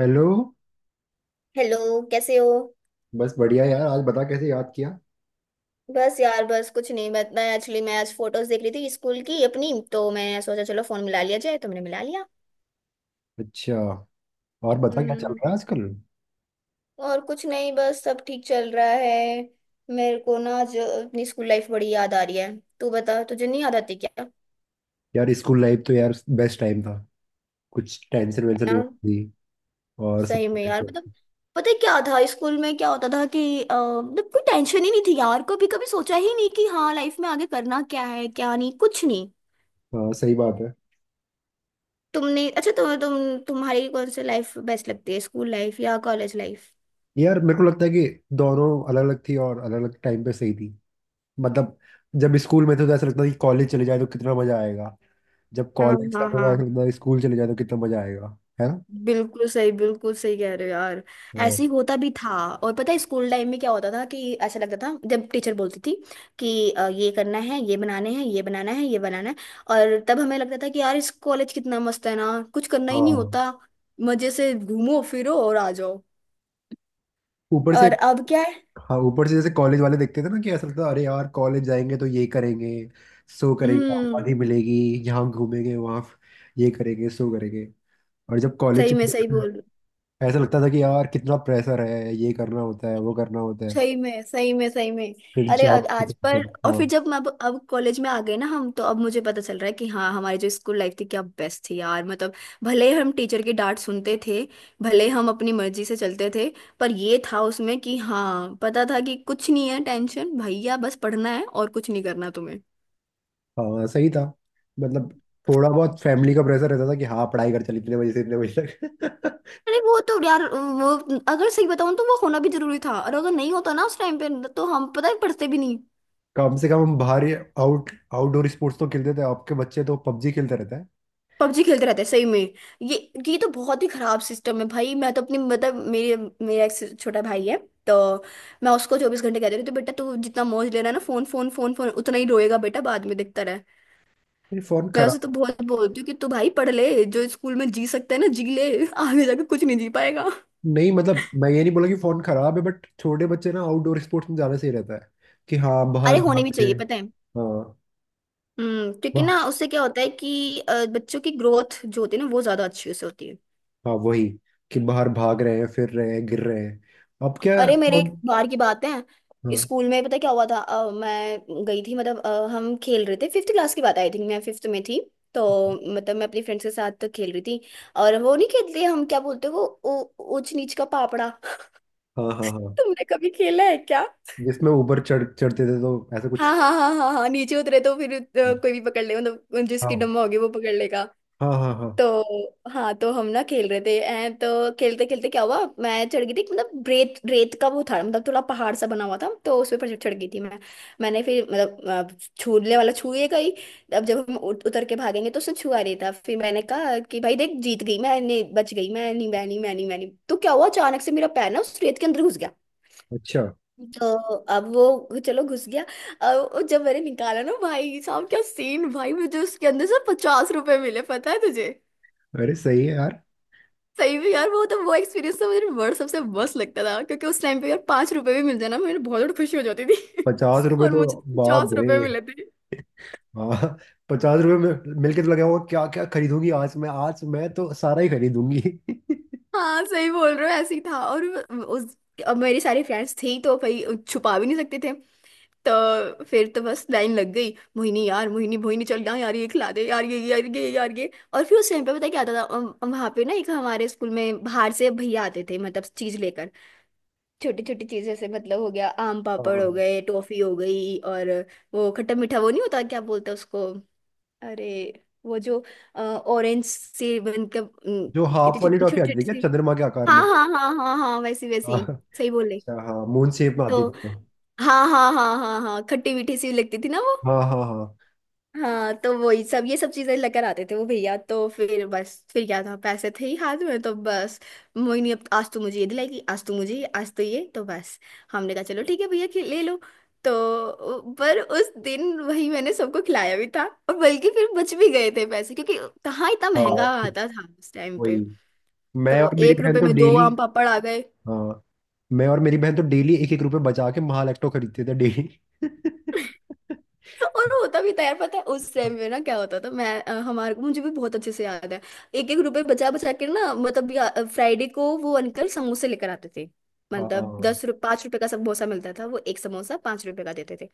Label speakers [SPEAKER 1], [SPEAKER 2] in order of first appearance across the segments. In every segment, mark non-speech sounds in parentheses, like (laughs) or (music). [SPEAKER 1] Hello.
[SPEAKER 2] Hello. कैसे हो?
[SPEAKER 1] बस बढ़िया यार। आज बता, कैसे याद किया?
[SPEAKER 2] बस यार, बस कुछ नहीं, बस मैं आज फोटोज देख रही थी स्कूल की अपनी, तो मैंने सोचा चलो फोन मिला लिया जाए। तुमने मिला लिया।
[SPEAKER 1] अच्छा। और बता, क्या चल
[SPEAKER 2] हम्म।
[SPEAKER 1] रहा है आजकल?
[SPEAKER 2] और कुछ नहीं, बस सब ठीक चल रहा है। मेरे को ना जो अपनी स्कूल लाइफ बड़ी याद आ रही है। तू बता, तुझे नहीं याद आती क्या?
[SPEAKER 1] यार स्कूल लाइफ तो यार बेस्ट टाइम था। कुछ टेंशन
[SPEAKER 2] है
[SPEAKER 1] वेंशन
[SPEAKER 2] ना।
[SPEAKER 1] नहीं थी और सब
[SPEAKER 2] सही में
[SPEAKER 1] कुछ
[SPEAKER 2] यार,
[SPEAKER 1] ऐसे।
[SPEAKER 2] मतलब पता है क्या था स्कूल में, क्या होता था कि मतलब कोई टेंशन ही नहीं थी यार। कभी कभी सोचा ही नहीं कि हाँ लाइफ में आगे करना क्या है, क्या नहीं, कुछ नहीं।
[SPEAKER 1] हाँ सही बात है।
[SPEAKER 2] तुमने अच्छा, तुम्हारी कौन सी लाइफ बेस्ट लगती है, स्कूल लाइफ या कॉलेज लाइफ?
[SPEAKER 1] यार मेरे को लगता है कि दोनों अलग अलग थी और अलग अलग टाइम पे सही थी। मतलब जब स्कूल में थे तो ऐसा लगता था कि कॉलेज चले जाए तो कितना मजा आएगा। जब
[SPEAKER 2] हाँ
[SPEAKER 1] कॉलेज का
[SPEAKER 2] हाँ
[SPEAKER 1] तो
[SPEAKER 2] हाँ,
[SPEAKER 1] ऐसा लगता था स्कूल चले जाए तो कितना मजा आएगा। है ना।
[SPEAKER 2] बिल्कुल सही, बिल्कुल सही कह रहे हो यार।
[SPEAKER 1] हाँ
[SPEAKER 2] ऐसे ही होता भी था। और पता है स्कूल टाइम में क्या होता था कि ऐसा लगता था जब टीचर बोलती थी कि ये करना है, ये बनाने हैं, ये बनाना है, ये बनाना है। और तब हमें लगता था कि यार इस कॉलेज कितना मस्त है ना, कुछ करना ही नहीं
[SPEAKER 1] हाँ।
[SPEAKER 2] होता। मजे से घूमो फिरो और आ जाओ।
[SPEAKER 1] ऊपर से
[SPEAKER 2] और अब क्या है।
[SPEAKER 1] हाँ, ऊपर से जैसे कॉलेज वाले देखते थे ना कि ऐसा लगता था अरे यार कॉलेज जाएंगे तो ये करेंगे, सो करेंगे,
[SPEAKER 2] हम्म।
[SPEAKER 1] आबादी मिलेगी, यहाँ घूमेंगे वहाँ, ये करेंगे सो करेंगे। और जब कॉलेज,
[SPEAKER 2] सही में सही बोल।
[SPEAKER 1] ऐसा लगता था कि यार कितना प्रेशर है, ये करना होता है वो करना होता है।
[SPEAKER 2] सही में, सही में, सही में।
[SPEAKER 1] फिर
[SPEAKER 2] अरे आज
[SPEAKER 1] जॉब की
[SPEAKER 2] आज पर।
[SPEAKER 1] टेंशन।
[SPEAKER 2] और
[SPEAKER 1] हाँ,
[SPEAKER 2] फिर जब मैं अब कॉलेज में आ गए ना हम, तो अब मुझे पता चल रहा है कि हाँ हमारी जो स्कूल लाइफ थी क्या बेस्ट थी यार, मतलब भले हम टीचर की डांट सुनते थे, भले हम अपनी मर्जी से चलते थे, पर ये था उसमें कि हाँ पता था कि कुछ नहीं है टेंशन, भैया बस पढ़ना है और कुछ नहीं करना तुम्हें।
[SPEAKER 1] हाँ सही था। मतलब थोड़ा बहुत फैमिली का प्रेशर रहता था कि हाँ पढ़ाई कर, चल इतने बजे से इतने बजे तक। (laughs)
[SPEAKER 2] अरे वो तो यार वो, अगर सही बताऊं तो वो होना भी जरूरी था, और अगर नहीं होता ना उस टाइम पे तो हम पता है पढ़ते भी नहीं।
[SPEAKER 1] कम से कम हम बाहर आउटडोर स्पोर्ट्स तो खेलते थे। आपके बच्चे तो पबजी खेलते रहते हैं।
[SPEAKER 2] पबजी खेलते रहते हैं, सही में। ये ये तो बहुत ही खराब सिस्टम है भाई। मैं तो अपनी, मतलब मेरे मेरा एक छोटा भाई है। तो मैं उसको चौबीस घंटे कहती रहती हूँ, बेटा तू जितना मौज ले रहा है ना, फोन फोन फोन फोन, उतना ही रोएगा बेटा बाद में, देखता रहे।
[SPEAKER 1] ये फोन
[SPEAKER 2] मैं उसे
[SPEAKER 1] खराब।
[SPEAKER 2] तो बहुत बोलती हूँ कि तू भाई पढ़ ले, जो स्कूल में जी सकता है ना जी ले, आगे जाके कुछ नहीं जी पाएगा।
[SPEAKER 1] नहीं, मतलब मैं ये नहीं बोला कि फोन खराब है, बट छोटे बच्चे ना आउटडोर स्पोर्ट्स में ज्यादा सही रहता है। कि हाँ बाहर
[SPEAKER 2] अरे होने भी
[SPEAKER 1] भाग रहे
[SPEAKER 2] चाहिए
[SPEAKER 1] हैं।
[SPEAKER 2] पता है।
[SPEAKER 1] हाँ।
[SPEAKER 2] हम्म। क्योंकि
[SPEAKER 1] वाह।
[SPEAKER 2] ना उससे क्या होता है कि बच्चों की ग्रोथ जो होती है ना वो ज्यादा अच्छी उससे होती है।
[SPEAKER 1] हाँ वही, कि बाहर भाग रहे हैं, फिर रहे हैं, गिर रहे हैं। अब क्या।
[SPEAKER 2] अरे मेरे एक
[SPEAKER 1] फोन।
[SPEAKER 2] बार की बात है,
[SPEAKER 1] हाँ।
[SPEAKER 2] स्कूल में पता क्या हुआ था। मैं गई थी, मतलब हम खेल रहे थे, फिफ्थ क्लास की बात, आई थिंक मैं फिफ्थ में थी। तो मतलब मैं अपनी फ्रेंड्स के साथ खेल रही थी, और वो नहीं खेलते हम क्या बोलते हैं वो ऊंच नीच का पापड़ा (laughs)
[SPEAKER 1] हाँ हाँ हाँ।
[SPEAKER 2] तुमने कभी खेला है क्या?
[SPEAKER 1] जिसमें ऊपर चढ़ते थे तो ऐसा कुछ।
[SPEAKER 2] हाँ हाँ हाँ हाँ हाँ, नीचे उतरे तो फिर
[SPEAKER 1] हाँ
[SPEAKER 2] कोई भी पकड़ ले, मतलब जिसकी डम्मा होगी वो पकड़ लेगा।
[SPEAKER 1] हाँ हाँ हाँ।
[SPEAKER 2] तो हाँ, तो हम ना खेल रहे थे हैं, तो खेलते खेलते क्या हुआ, मैं चढ़ गई थी, मतलब रेत, रेत का वो था, मतलब थोड़ा पहाड़ सा बना हुआ था तो उस पर चढ़ गई थी मैं। मैंने फिर मतलब छूने वाला छूए गई। अब जब हम उतर के भागेंगे तो उसने छुआ रही था, फिर मैंने कहा कि भाई देख जीत गई मैं नहीं, बच गई मैं नहीं, मैं नहीं, मैं नहीं, मैं नहीं। तो क्या हुआ अचानक से मेरा पैर ना उस रेत के अंदर घुस गया।
[SPEAKER 1] अच्छा।
[SPEAKER 2] तो अब वो चलो घुस गया। अब वो जब मैंने निकाला ना, भाई साहब क्या सीन भाई, मुझे उसके अंदर से 50 रुपए मिले पता है तुझे।
[SPEAKER 1] अरे सही है यार।
[SPEAKER 2] सही में यार, वो तो वो एक्सपीरियंस तो मुझे वर्ल्ड सबसे बस लगता था, क्योंकि उस टाइम पे यार 5 रुपए भी मिल जाना मेरे बहुत खुशी हो जाती थी।
[SPEAKER 1] पचास
[SPEAKER 2] (laughs)
[SPEAKER 1] रुपए
[SPEAKER 2] और
[SPEAKER 1] तो।
[SPEAKER 2] मुझे तो
[SPEAKER 1] बाप
[SPEAKER 2] पचास
[SPEAKER 1] रे।
[SPEAKER 2] रुपए मिले थे।
[SPEAKER 1] हाँ, पचास रुपए में मिलके तो लगा होगा क्या क्या खरीदूंगी आज, मैं आज मैं तो सारा ही खरीदूंगी। (laughs)
[SPEAKER 2] हाँ सही बोल रहे हो, ऐसे ही था। और उस, अब मेरी सारी फ्रेंड्स थी तो भाई छुपा भी नहीं सकते थे, तो फिर तो बस लाइन लग गई। मोहिनी यार, मोहिनी, मोहिनी चल जाओ यार, ये खिला दे यार, ये यार, ये यार, ये। और फिर उस टाइम पे पता क्या आता था, वहां पे ना एक हमारे स्कूल में बाहर से भैया आते थे, मतलब चीज लेकर, छोटी छोटी चीजें, से मतलब हो गया आम
[SPEAKER 1] हाँ
[SPEAKER 2] पापड़, हो
[SPEAKER 1] हाँ।
[SPEAKER 2] गए टॉफी, हो गई, और वो खट्टा मीठा वो नहीं होता, क्या बोलते हैं उसको, अरे वो जो ऑरेंज से बनकर
[SPEAKER 1] जो
[SPEAKER 2] इतनी
[SPEAKER 1] हाफ वाली
[SPEAKER 2] छोटी
[SPEAKER 1] टॉफी
[SPEAKER 2] छोटी
[SPEAKER 1] आती थी
[SPEAKER 2] छोटी
[SPEAKER 1] क्या,
[SPEAKER 2] सी।
[SPEAKER 1] चंद्रमा के आकार
[SPEAKER 2] हाँ
[SPEAKER 1] में?
[SPEAKER 2] हाँ हाँ हाँ हाँ वैसी
[SPEAKER 1] हाँ।
[SPEAKER 2] वैसी। सही बोले।
[SPEAKER 1] अच्छा हाँ, मून शेप में आती
[SPEAKER 2] तो
[SPEAKER 1] थी वो।
[SPEAKER 2] हाँ हाँ हाँ हाँ हाँ, खट्टी मीठी सी लगती थी ना वो।
[SPEAKER 1] हाँ हाँ हाँ।
[SPEAKER 2] हाँ तो वही सब, ये सब चीजें लेकर आते थे वो भैया। तो फिर बस फिर क्या था, पैसे थे ही हाथ में, तो बस मोहिनी अब आज तू मुझे ये दिलाएगी, आज तू मुझे ये, आज तो ये तो बस। हमने कहा चलो ठीक है भैया ले लो। तो पर उस दिन वही मैंने सबको खिलाया भी था, और बल्कि फिर बच भी गए थे पैसे, क्योंकि कहाँ इतना महंगा
[SPEAKER 1] हाँ
[SPEAKER 2] आता था उस टाइम पे।
[SPEAKER 1] वही। मैं
[SPEAKER 2] तो
[SPEAKER 1] और मेरी
[SPEAKER 2] एक
[SPEAKER 1] बहन
[SPEAKER 2] रुपए
[SPEAKER 1] तो
[SPEAKER 2] में दो
[SPEAKER 1] डेली।
[SPEAKER 2] आम पापड़ आ गए।
[SPEAKER 1] हाँ, मैं और मेरी बहन तो डेली एक एक रुपए बचा के महालैक्टो खरीदते थे डेली। (laughs)
[SPEAKER 2] तो और होता भी था यार, पता है उस टाइम पे ना क्या होता था, हमारे मुझे भी बहुत अच्छे से याद है, एक एक रुपए बचा बचा के ना, मतलब फ्राइडे को वो अंकल समोसे लेकर आते थे। मतलब
[SPEAKER 1] हाँ।
[SPEAKER 2] 10 रुपये, 5 रुपए का समोसा मिलता था, वो एक समोसा 5 रुपए का देते थे।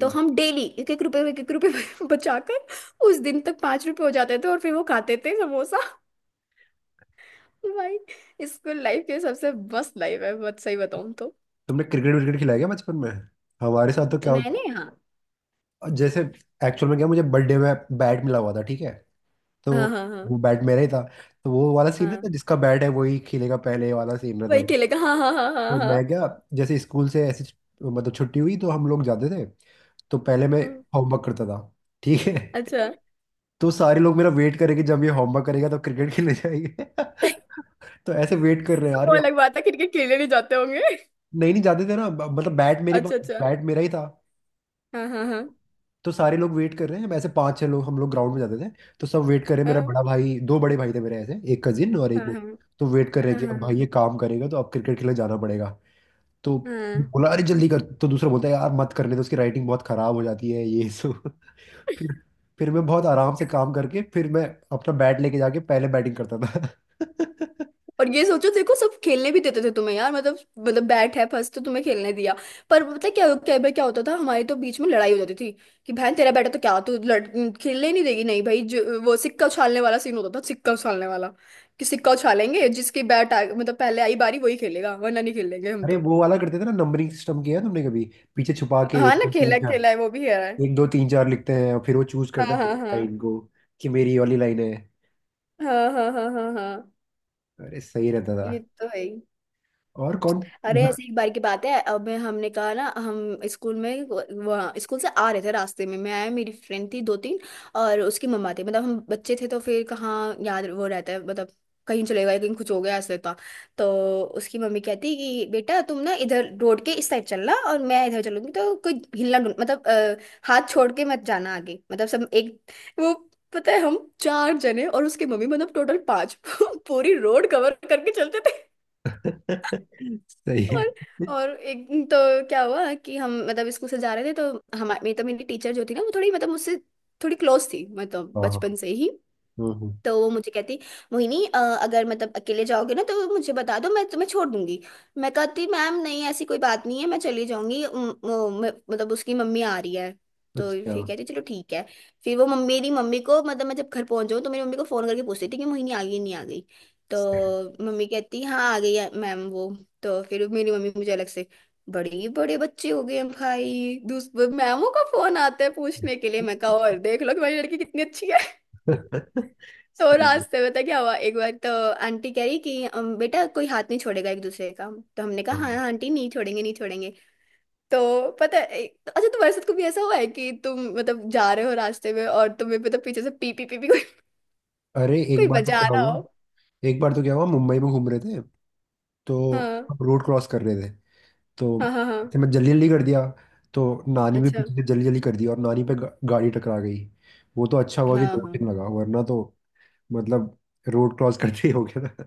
[SPEAKER 2] तो हम डेली एक एक रुपए, एक एक रुपए (laughs) बचा कर उस दिन तक 5 रुपए हो जाते थे, और फिर वो खाते थे समोसा। भाई स्कूल लाइफ के सबसे मस्त लाइफ है, बहुत सही बताऊँ तो।
[SPEAKER 1] तुमने क्रिकेट विकेट खिलाया क्या बचपन में? हमारे साथ तो क्या होता,
[SPEAKER 2] मैंने हाँ।
[SPEAKER 1] जैसे एक्चुअल में क्या, मुझे बर्थडे में बैट मिला हुआ था, ठीक है? तो
[SPEAKER 2] हाँ हाँ हाँ
[SPEAKER 1] वो बैट मेरा ही था। तो वो वाला सीन रहता,
[SPEAKER 2] हाँ
[SPEAKER 1] जिसका बैट है वही खेलेगा पहले, वाला सीन रहता
[SPEAKER 2] वही
[SPEAKER 1] था।
[SPEAKER 2] खेलेगा। हाँ हाँ हाँ हाँ हाँ
[SPEAKER 1] तो मैं
[SPEAKER 2] हाँ,
[SPEAKER 1] क्या, जैसे स्कूल से ऐसी मतलब छुट्टी हुई तो हम लोग जाते थे। तो पहले मैं
[SPEAKER 2] हाँ,
[SPEAKER 1] होमवर्क करता था, ठीक है।
[SPEAKER 2] अच्छा
[SPEAKER 1] तो सारे लोग मेरा वेट करेंगे, जब ये होमवर्क करेगा तो क्रिकेट खेलने जाएंगे। (laughs) तो ऐसे वेट कर रहे हैं,
[SPEAKER 2] वो
[SPEAKER 1] अरे
[SPEAKER 2] अलग बात है, क्रिकेट खेलने नहीं जाते होंगे।
[SPEAKER 1] नहीं नहीं जाते थे ना, मतलब बैट मेरे
[SPEAKER 2] अच्छा
[SPEAKER 1] पास,
[SPEAKER 2] अच्छा।
[SPEAKER 1] बैट मेरा ही था।
[SPEAKER 2] हाँ हाँ हाँ
[SPEAKER 1] तो सारे लोग वेट कर रहे हैं। हम ऐसे पांच छह लोग हम लोग ग्राउंड में जाते थे। तो सब वेट कर रहे हैं। मेरा
[SPEAKER 2] हाँ
[SPEAKER 1] बड़ा भाई, दो बड़े भाई थे मेरे, ऐसे एक कजिन और एक
[SPEAKER 2] हाँ
[SPEAKER 1] वो।
[SPEAKER 2] हाँ
[SPEAKER 1] तो वेट कर रहे हैं
[SPEAKER 2] हाँ
[SPEAKER 1] कि अब भाई
[SPEAKER 2] हाँ
[SPEAKER 1] ये काम करेगा तो अब क्रिकेट खेलने जाना पड़ेगा। तो
[SPEAKER 2] हाँ।
[SPEAKER 1] बोला अरे जल्दी कर, तो दूसरा बोलता है यार मत करने तो उसकी राइटिंग बहुत खराब हो जाती है ये सो। (laughs) फिर फिर मैं बहुत आराम से काम करके फिर मैं अपना बैट लेके जाके पहले बैटिंग करता था। (laughs)
[SPEAKER 2] और ये सोचो देखो सब खेलने भी देते थे तुम्हें यार, मतलब मतलब बैट है फर्स्ट, तो तुम्हें खेलने दिया। पर पता है क्या क्या भाई क्या होता था, हमारी तो बीच में लड़ाई हो जाती थी कि बहन तेरा बैट है तो क्या तू लड़ खेलने ही नहीं देगी? नहीं भाई, जो वो सिक्का उछालने वाला सीन होता था, सिक्का उछालने वाला, कि सिक्का उछालेंगे, जिसकी बैट आ मतलब पहले आई बारी वही खेलेगा, वरना नहीं खेलेंगे हम
[SPEAKER 1] अरे
[SPEAKER 2] तो।
[SPEAKER 1] वो वाला करते थे ना, नंबरिंग सिस्टम? किया है तुमने कभी? पीछे छुपा के
[SPEAKER 2] हाँ
[SPEAKER 1] एक
[SPEAKER 2] ना
[SPEAKER 1] दो तीन चार,
[SPEAKER 2] खेला है वो भी है।
[SPEAKER 1] एक दो तीन चार लिखते हैं और फिर वो चूज
[SPEAKER 2] हाँ
[SPEAKER 1] करता है
[SPEAKER 2] हाँ हाँ
[SPEAKER 1] लाइन को, कि मेरी ये वाली लाइन है।
[SPEAKER 2] हाँ हाँ हाँ हाँ हाँ।
[SPEAKER 1] अरे सही रहता था।
[SPEAKER 2] ये तो है ही।
[SPEAKER 1] और कौन।
[SPEAKER 2] अरे ऐसे
[SPEAKER 1] (laughs)
[SPEAKER 2] एक बार की बात है, अब मैं हमने कहा ना हम स्कूल में, वहाँ स्कूल से आ रहे थे रास्ते में, मैं आया, मेरी फ्रेंड थी 2-3, और उसकी मम्मा थी, मतलब हम बच्चे थे तो फिर कहाँ याद वो रहता है, मतलब कहीं चले गए कहीं कुछ हो गया, ऐसे होता। तो उसकी मम्मी कहती कि बेटा तुम ना इधर रोड के इस साइड चलना और मैं इधर चलूंगी, तो कोई हिलना मतलब हाथ छोड़ के मत जाना आगे, मतलब सब एक वो। पता है हम 4 जने और उसकी मम्मी, मतलब टोटल 5 (laughs) पूरी रोड कवर करके चलते थे।
[SPEAKER 1] सही है।
[SPEAKER 2] और और एक दिन तो क्या हुआ कि हम मतलब स्कूल से जा रहे थे, तो हमारी तो मेरी टीचर जो थी ना वो थोड़ी मतलब मुझसे थोड़ी क्लोज थी, मतलब
[SPEAKER 1] हाँ। हाँ,
[SPEAKER 2] बचपन से ही।
[SPEAKER 1] हम्म, हम्म,
[SPEAKER 2] तो वो मुझे कहती, मोहिनी, अगर मतलब अकेले जाओगे ना तो मुझे बता दो, मैं तुम्हें छोड़ दूंगी। मैं कहती मैम नहीं ऐसी कोई बात नहीं है, मैं चली जाऊंगी, मतलब उसकी मम्मी आ रही है। तो
[SPEAKER 1] अच्छा।
[SPEAKER 2] फिर कहती चलो ठीक है। फिर वो मम्मी मेरी मम्मी को, मतलब मैं जब घर पहुंच जाऊँ तो मेरी मम्मी को फोन करके पूछती थी कि मोहिनी आ गई नहीं आ गई, तो
[SPEAKER 1] सही।
[SPEAKER 2] मम्मी कहती हाँ आ गई है मैम, वो। तो फिर मेरी मम्मी मुझे अलग से, बड़े बड़े बच्चे हो गए हम भाई, दूसरे मैमों का फोन आता है पूछने के लिए, मैं कहा और देख लो कि मेरी लड़की कितनी अच्छी है।
[SPEAKER 1] (laughs)
[SPEAKER 2] तो
[SPEAKER 1] सही,
[SPEAKER 2] रास्ते में तो क्या हुआ एक बार तो आंटी कह रही कि " बेटा कोई हाथ नहीं छोड़ेगा एक दूसरे का, तो हमने कहा हाँ
[SPEAKER 1] हाँ।
[SPEAKER 2] हाँ, आंटी नहीं छोड़ेंगे, नहीं छोड़ेंगे। तो पता है एक- तो- अच्छा तुम्हारे साथ कभी ऐसा हुआ है कि तुम मतलब जा रहे हो रास्ते में और तुम्हें मतलब पीछे से पी पी पी, पी कोई,
[SPEAKER 1] अरे
[SPEAKER 2] कोई
[SPEAKER 1] एक बार तो
[SPEAKER 2] बजा
[SPEAKER 1] क्या
[SPEAKER 2] रहा
[SPEAKER 1] हुआ
[SPEAKER 2] हो?
[SPEAKER 1] एक बार तो क्या हुआ, मुंबई में घूम रहे थे। तो
[SPEAKER 2] हाँ
[SPEAKER 1] हम रोड क्रॉस कर रहे थे। तो
[SPEAKER 2] हाँ हाँ हाँ।
[SPEAKER 1] ऐसे मैं जल्दी जल्दी कर दिया। तो नानी भी
[SPEAKER 2] अच्छा।
[SPEAKER 1] पीछे से जल्दी जल्दी कर दी और नानी पे गाड़ी टकरा गई। वो तो अच्छा हुआ कि
[SPEAKER 2] हाँ
[SPEAKER 1] डोंट
[SPEAKER 2] हाँ।
[SPEAKER 1] लगा वरना तो, मतलब रोड क्रॉस करते ही हो गया था।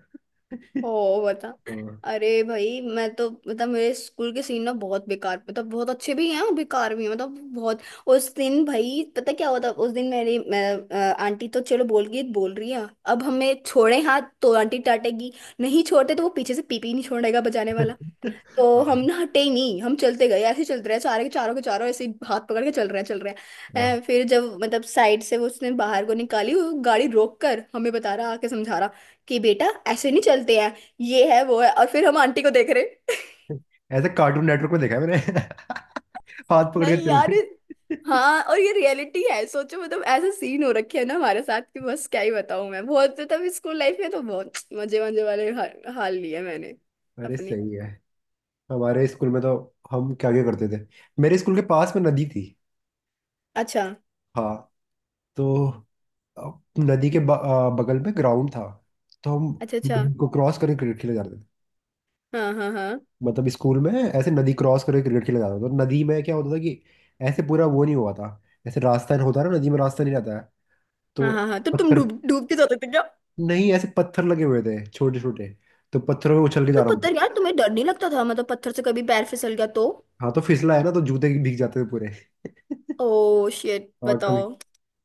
[SPEAKER 2] ओ बता।
[SPEAKER 1] (laughs) हाँ
[SPEAKER 2] अरे भाई मैं तो मतलब मेरे स्कूल के सीन ना बहुत बेकार, मतलब बहुत अच्छे भी हैं और बेकार भी हैं, मतलब बहुत। उस दिन भाई पता क्या हुआ था, उस दिन आंटी तो चलो बोल गई, बोल रही है, अब हमें छोड़े हाथ तो आंटी डांटेगी, नहीं छोड़ते तो वो पीछे से पीपी नहीं छोड़ेगा बजाने वाला, तो हम
[SPEAKER 1] हाँ
[SPEAKER 2] ना हटे ही नहीं, हम चलते गए, ऐसे ही चलते रहे। चारों के चारों के चारों ऐसे ही हाथ पकड़ के चल रहे हैं, चल रहे
[SPEAKER 1] हाँ।
[SPEAKER 2] हैं। फिर जब मतलब साइड से वो उसने बाहर को निकाली, वो गाड़ी रोक कर हमें बता रहा, आके समझा रहा कि बेटा, ऐसे नहीं चलते हैं, ये है वो है। और फिर हम आंटी को देख रहे। (laughs)
[SPEAKER 1] ऐसे कार्टून नेटवर्क में देखा है मैंने। (laughs) हाथ पकड़ के
[SPEAKER 2] नहीं
[SPEAKER 1] चल
[SPEAKER 2] यार ये-
[SPEAKER 1] गए। (laughs)
[SPEAKER 2] हाँ, और ये रियलिटी है। सोचो मतलब ऐसा सीन हो रखे है ना हमारे साथ कि बस क्या ही बताऊं मैं। बहुत तब स्कूल लाइफ में तो बहुत मजे मजे वाले हाल लिए मैंने
[SPEAKER 1] अरे
[SPEAKER 2] अपने।
[SPEAKER 1] सही है। हमारे स्कूल में तो हम क्या क्या करते थे। मेरे स्कूल के पास में नदी थी।
[SPEAKER 2] अच्छा
[SPEAKER 1] हाँ। तो अ, नदी के बगल में ग्राउंड था। तो हम
[SPEAKER 2] अच्छा अच्छा।
[SPEAKER 1] नदी को क्रॉस करके क्रिकेट खेले जाते थे।
[SPEAKER 2] हाँ हाँ हाँ
[SPEAKER 1] मतलब स्कूल में ऐसे नदी क्रॉस करके क्रिकेट खेला जाता था। तो नदी में क्या होता था कि ऐसे पूरा वो नहीं हुआ था, ऐसे रास्ता होता है ना नदी में, रास्ता नहीं रहता है।
[SPEAKER 2] हाँ
[SPEAKER 1] तो
[SPEAKER 2] हाँ हाँ, तो तुम
[SPEAKER 1] पत्थर,
[SPEAKER 2] डूबते जाते थे क्या?
[SPEAKER 1] नहीं ऐसे पत्थर लगे हुए थे छोटे छोटे। तो पत्थरों में उछल के जा
[SPEAKER 2] तो
[SPEAKER 1] रहा हूँ।
[SPEAKER 2] पत्थर, यार तुम्हें डर नहीं लगता था? मतलब पत्थर से कभी पैर फिसल गया तो?
[SPEAKER 1] हाँ तो फिसला है ना, तो जूते भीग जाते थे पूरे। (laughs)
[SPEAKER 2] ओ शिट,
[SPEAKER 1] हाँ कभी,
[SPEAKER 2] बताओ।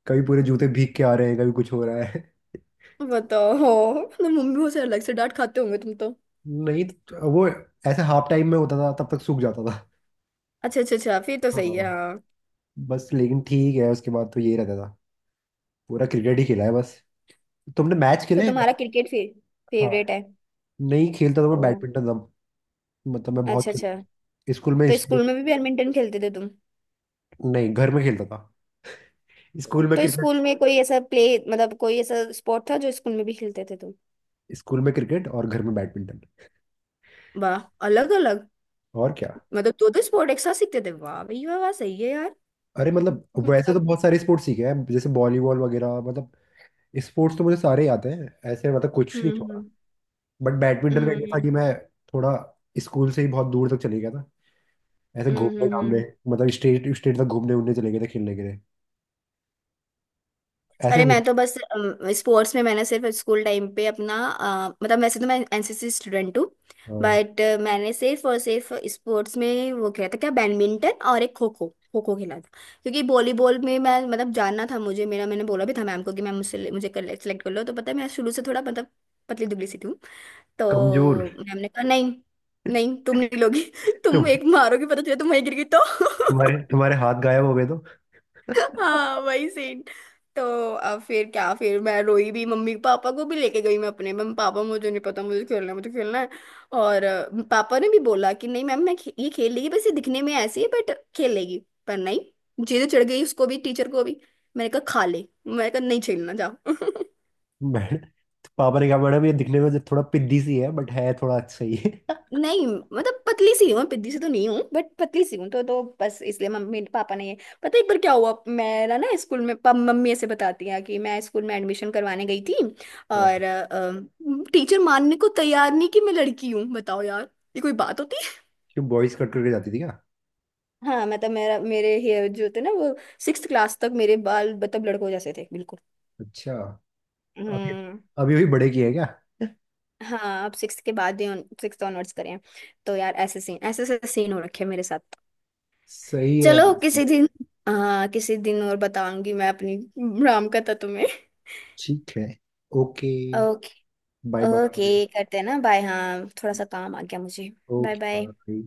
[SPEAKER 1] कभी पूरे जूते भीग के आ रहे हैं, कभी कुछ हो रहा है।
[SPEAKER 2] बताओ (laughs) मतलब मम्मी से अलग से डांट खाते होंगे तुम तो।
[SPEAKER 1] नहीं वो ऐसे हाफ टाइम में होता था, तब तक सूख जाता था।
[SPEAKER 2] अच्छा अच्छा अच्छा, फिर तो सही है,
[SPEAKER 1] हाँ।
[SPEAKER 2] हाँ।
[SPEAKER 1] बस लेकिन ठीक है उसके बाद तो यही रहता था। पूरा क्रिकेट ही खेला है बस। तुमने मैच
[SPEAKER 2] तो
[SPEAKER 1] खेले हैं क्या?
[SPEAKER 2] तुम्हारा क्रिकेट फिर
[SPEAKER 1] हाँ।
[SPEAKER 2] फेवरेट है?
[SPEAKER 1] नहीं खेलता था, मैं
[SPEAKER 2] ओ,
[SPEAKER 1] बैडमिंटन था। मतलब मैं बहुत
[SPEAKER 2] अच्छा
[SPEAKER 1] खेला
[SPEAKER 2] अच्छा।
[SPEAKER 1] हूँ। स्कूल में
[SPEAKER 2] तो
[SPEAKER 1] स्टेट।
[SPEAKER 2] स्कूल में भी बैडमिंटन खेलते थे तुम?
[SPEAKER 1] नहीं, घर में खेलता था, स्कूल में
[SPEAKER 2] तो
[SPEAKER 1] क्रिकेट।
[SPEAKER 2] स्कूल में कोई ऐसा प्ले, मतलब कोई ऐसा स्पोर्ट था जो स्कूल में भी खेलते थे तुम?
[SPEAKER 1] स्कूल में क्रिकेट और घर में बैडमिंटन।
[SPEAKER 2] वाह, अलग अलग।
[SPEAKER 1] और क्या।
[SPEAKER 2] मतलब दो दो स्पोर्ट एक साथ सीखते थे, वाह भैया वाह, सही है यार।
[SPEAKER 1] अरे मतलब वैसे
[SPEAKER 2] मतलब
[SPEAKER 1] तो बहुत सारे स्पोर्ट्स सीखे हैं जैसे वॉलीबॉल वगैरह। मतलब स्पोर्ट्स तो मुझे सारे ही आते हैं ऐसे, मतलब कुछ नहीं छोड़ा।
[SPEAKER 2] हम्म
[SPEAKER 1] बट बैडमिंटन में ये था
[SPEAKER 2] हम्म
[SPEAKER 1] कि मैं थोड़ा स्कूल से ही बहुत दूर तक चले गया था, ऐसे
[SPEAKER 2] हम्म
[SPEAKER 1] घूमने
[SPEAKER 2] हम्म,
[SPEAKER 1] घामने।
[SPEAKER 2] हम्म।
[SPEAKER 1] मतलब स्टेट स्टेट तक घूमने उड़ने चले गए थे खेलने के लिए। ऐसे
[SPEAKER 2] अरे
[SPEAKER 1] हो।
[SPEAKER 2] मैं तो बस स्पोर्ट्स में, मैंने सिर्फ स्कूल टाइम पे अपना मतलब वैसे तो मैं एनसीसी स्टूडेंट हूँ।
[SPEAKER 1] हाँ,
[SPEAKER 2] बट मैंने सिर्फ और सिर्फ स्पोर्ट्स में वो खेला था क्या, बैडमिंटन और एक खो खो, खो खो खेला था। क्योंकि वॉलीबॉल में मैं, मतलब जानना था मुझे, मेरा मैंने बोला भी था मैम को कि मैम मुझसे, मुझे कर सेलेक्ट कर लो। तो पता है मैं शुरू से थोड़ा मतलब पतली दुबली सी थी, हूँ।
[SPEAKER 1] कमजोर।
[SPEAKER 2] तो मैम ने कहा नहीं, नहीं तुम नहीं लोगी। (laughs) तुम
[SPEAKER 1] तुम-
[SPEAKER 2] एक मारोगी पता चले तुम वहीं गिर गई तो।
[SPEAKER 1] तुम्हारे
[SPEAKER 2] (laughs)
[SPEAKER 1] तुम्हारे हाथ गायब हो गए तो।
[SPEAKER 2] हाँ
[SPEAKER 1] (laughs)
[SPEAKER 2] वही सीन। तो अब फिर क्या, फिर मैं रोई भी, मम्मी पापा को भी लेके गई मैं अपने, मैम पापा मुझे नहीं पता, मुझे खेलना है मुझे खेलना है। और पापा ने भी बोला कि नहीं मैम, ये खेल लेगी, बस ये दिखने में ऐसी है बट खेल लेगी। पर नहीं, जिद चढ़ गई उसको भी, टीचर को भी। मैंने कहा खा ले, मैंने कहा नहीं खेलना जाओ। (laughs)
[SPEAKER 1] मैडम तो पापा ने कहा मैडम ये दिखने में जो थोड़ा पिद्दी सी है बट है थोड़ा अच्छा ही है। (laughs)
[SPEAKER 2] नहीं मतलब पतली सी हूँ, पतली सी तो नहीं हूँ बट पतली सी हूँ, तो बस इसलिए मम्मी पापा ने। पता है एक बार क्या हुआ मेरा, ना स्कूल में मम्मी ऐसे बताती है कि मैं स्कूल में एडमिशन करवाने गई थी।
[SPEAKER 1] हाँ।
[SPEAKER 2] और टीचर मानने को तैयार नहीं कि मैं लड़की हूँ, बताओ यार, ये कोई बात होती है।
[SPEAKER 1] क्यों, बॉयज कट करके जाती थी क्या?
[SPEAKER 2] हाँ मतलब मेरा, मेरे हेयर जो थे ना वो सिक्स क्लास तक, मेरे बाल मतलब लड़कों जैसे थे बिल्कुल।
[SPEAKER 1] अच्छा। अभी,
[SPEAKER 2] हम्म।
[SPEAKER 1] अभी बड़े किए हैं क्या?
[SPEAKER 2] हाँ अब सिक्स के बाद ही, सिक्स ऑनवर्ड्स करें। तो यार ऐसे सीन, ऐसे ऐसे सीन हो रखे हैं मेरे साथ।
[SPEAKER 1] सही है।
[SPEAKER 2] चलो किसी दिन, हाँ किसी दिन और बताऊंगी मैं अपनी राम कथा तुम्हें।
[SPEAKER 1] ठीक है। Okay.
[SPEAKER 2] Okay.
[SPEAKER 1] Bye bye.
[SPEAKER 2] Okay करते हैं ना, बाय, हाँ थोड़ा सा काम आ गया मुझे। Bye
[SPEAKER 1] okay
[SPEAKER 2] bye.
[SPEAKER 1] बाय।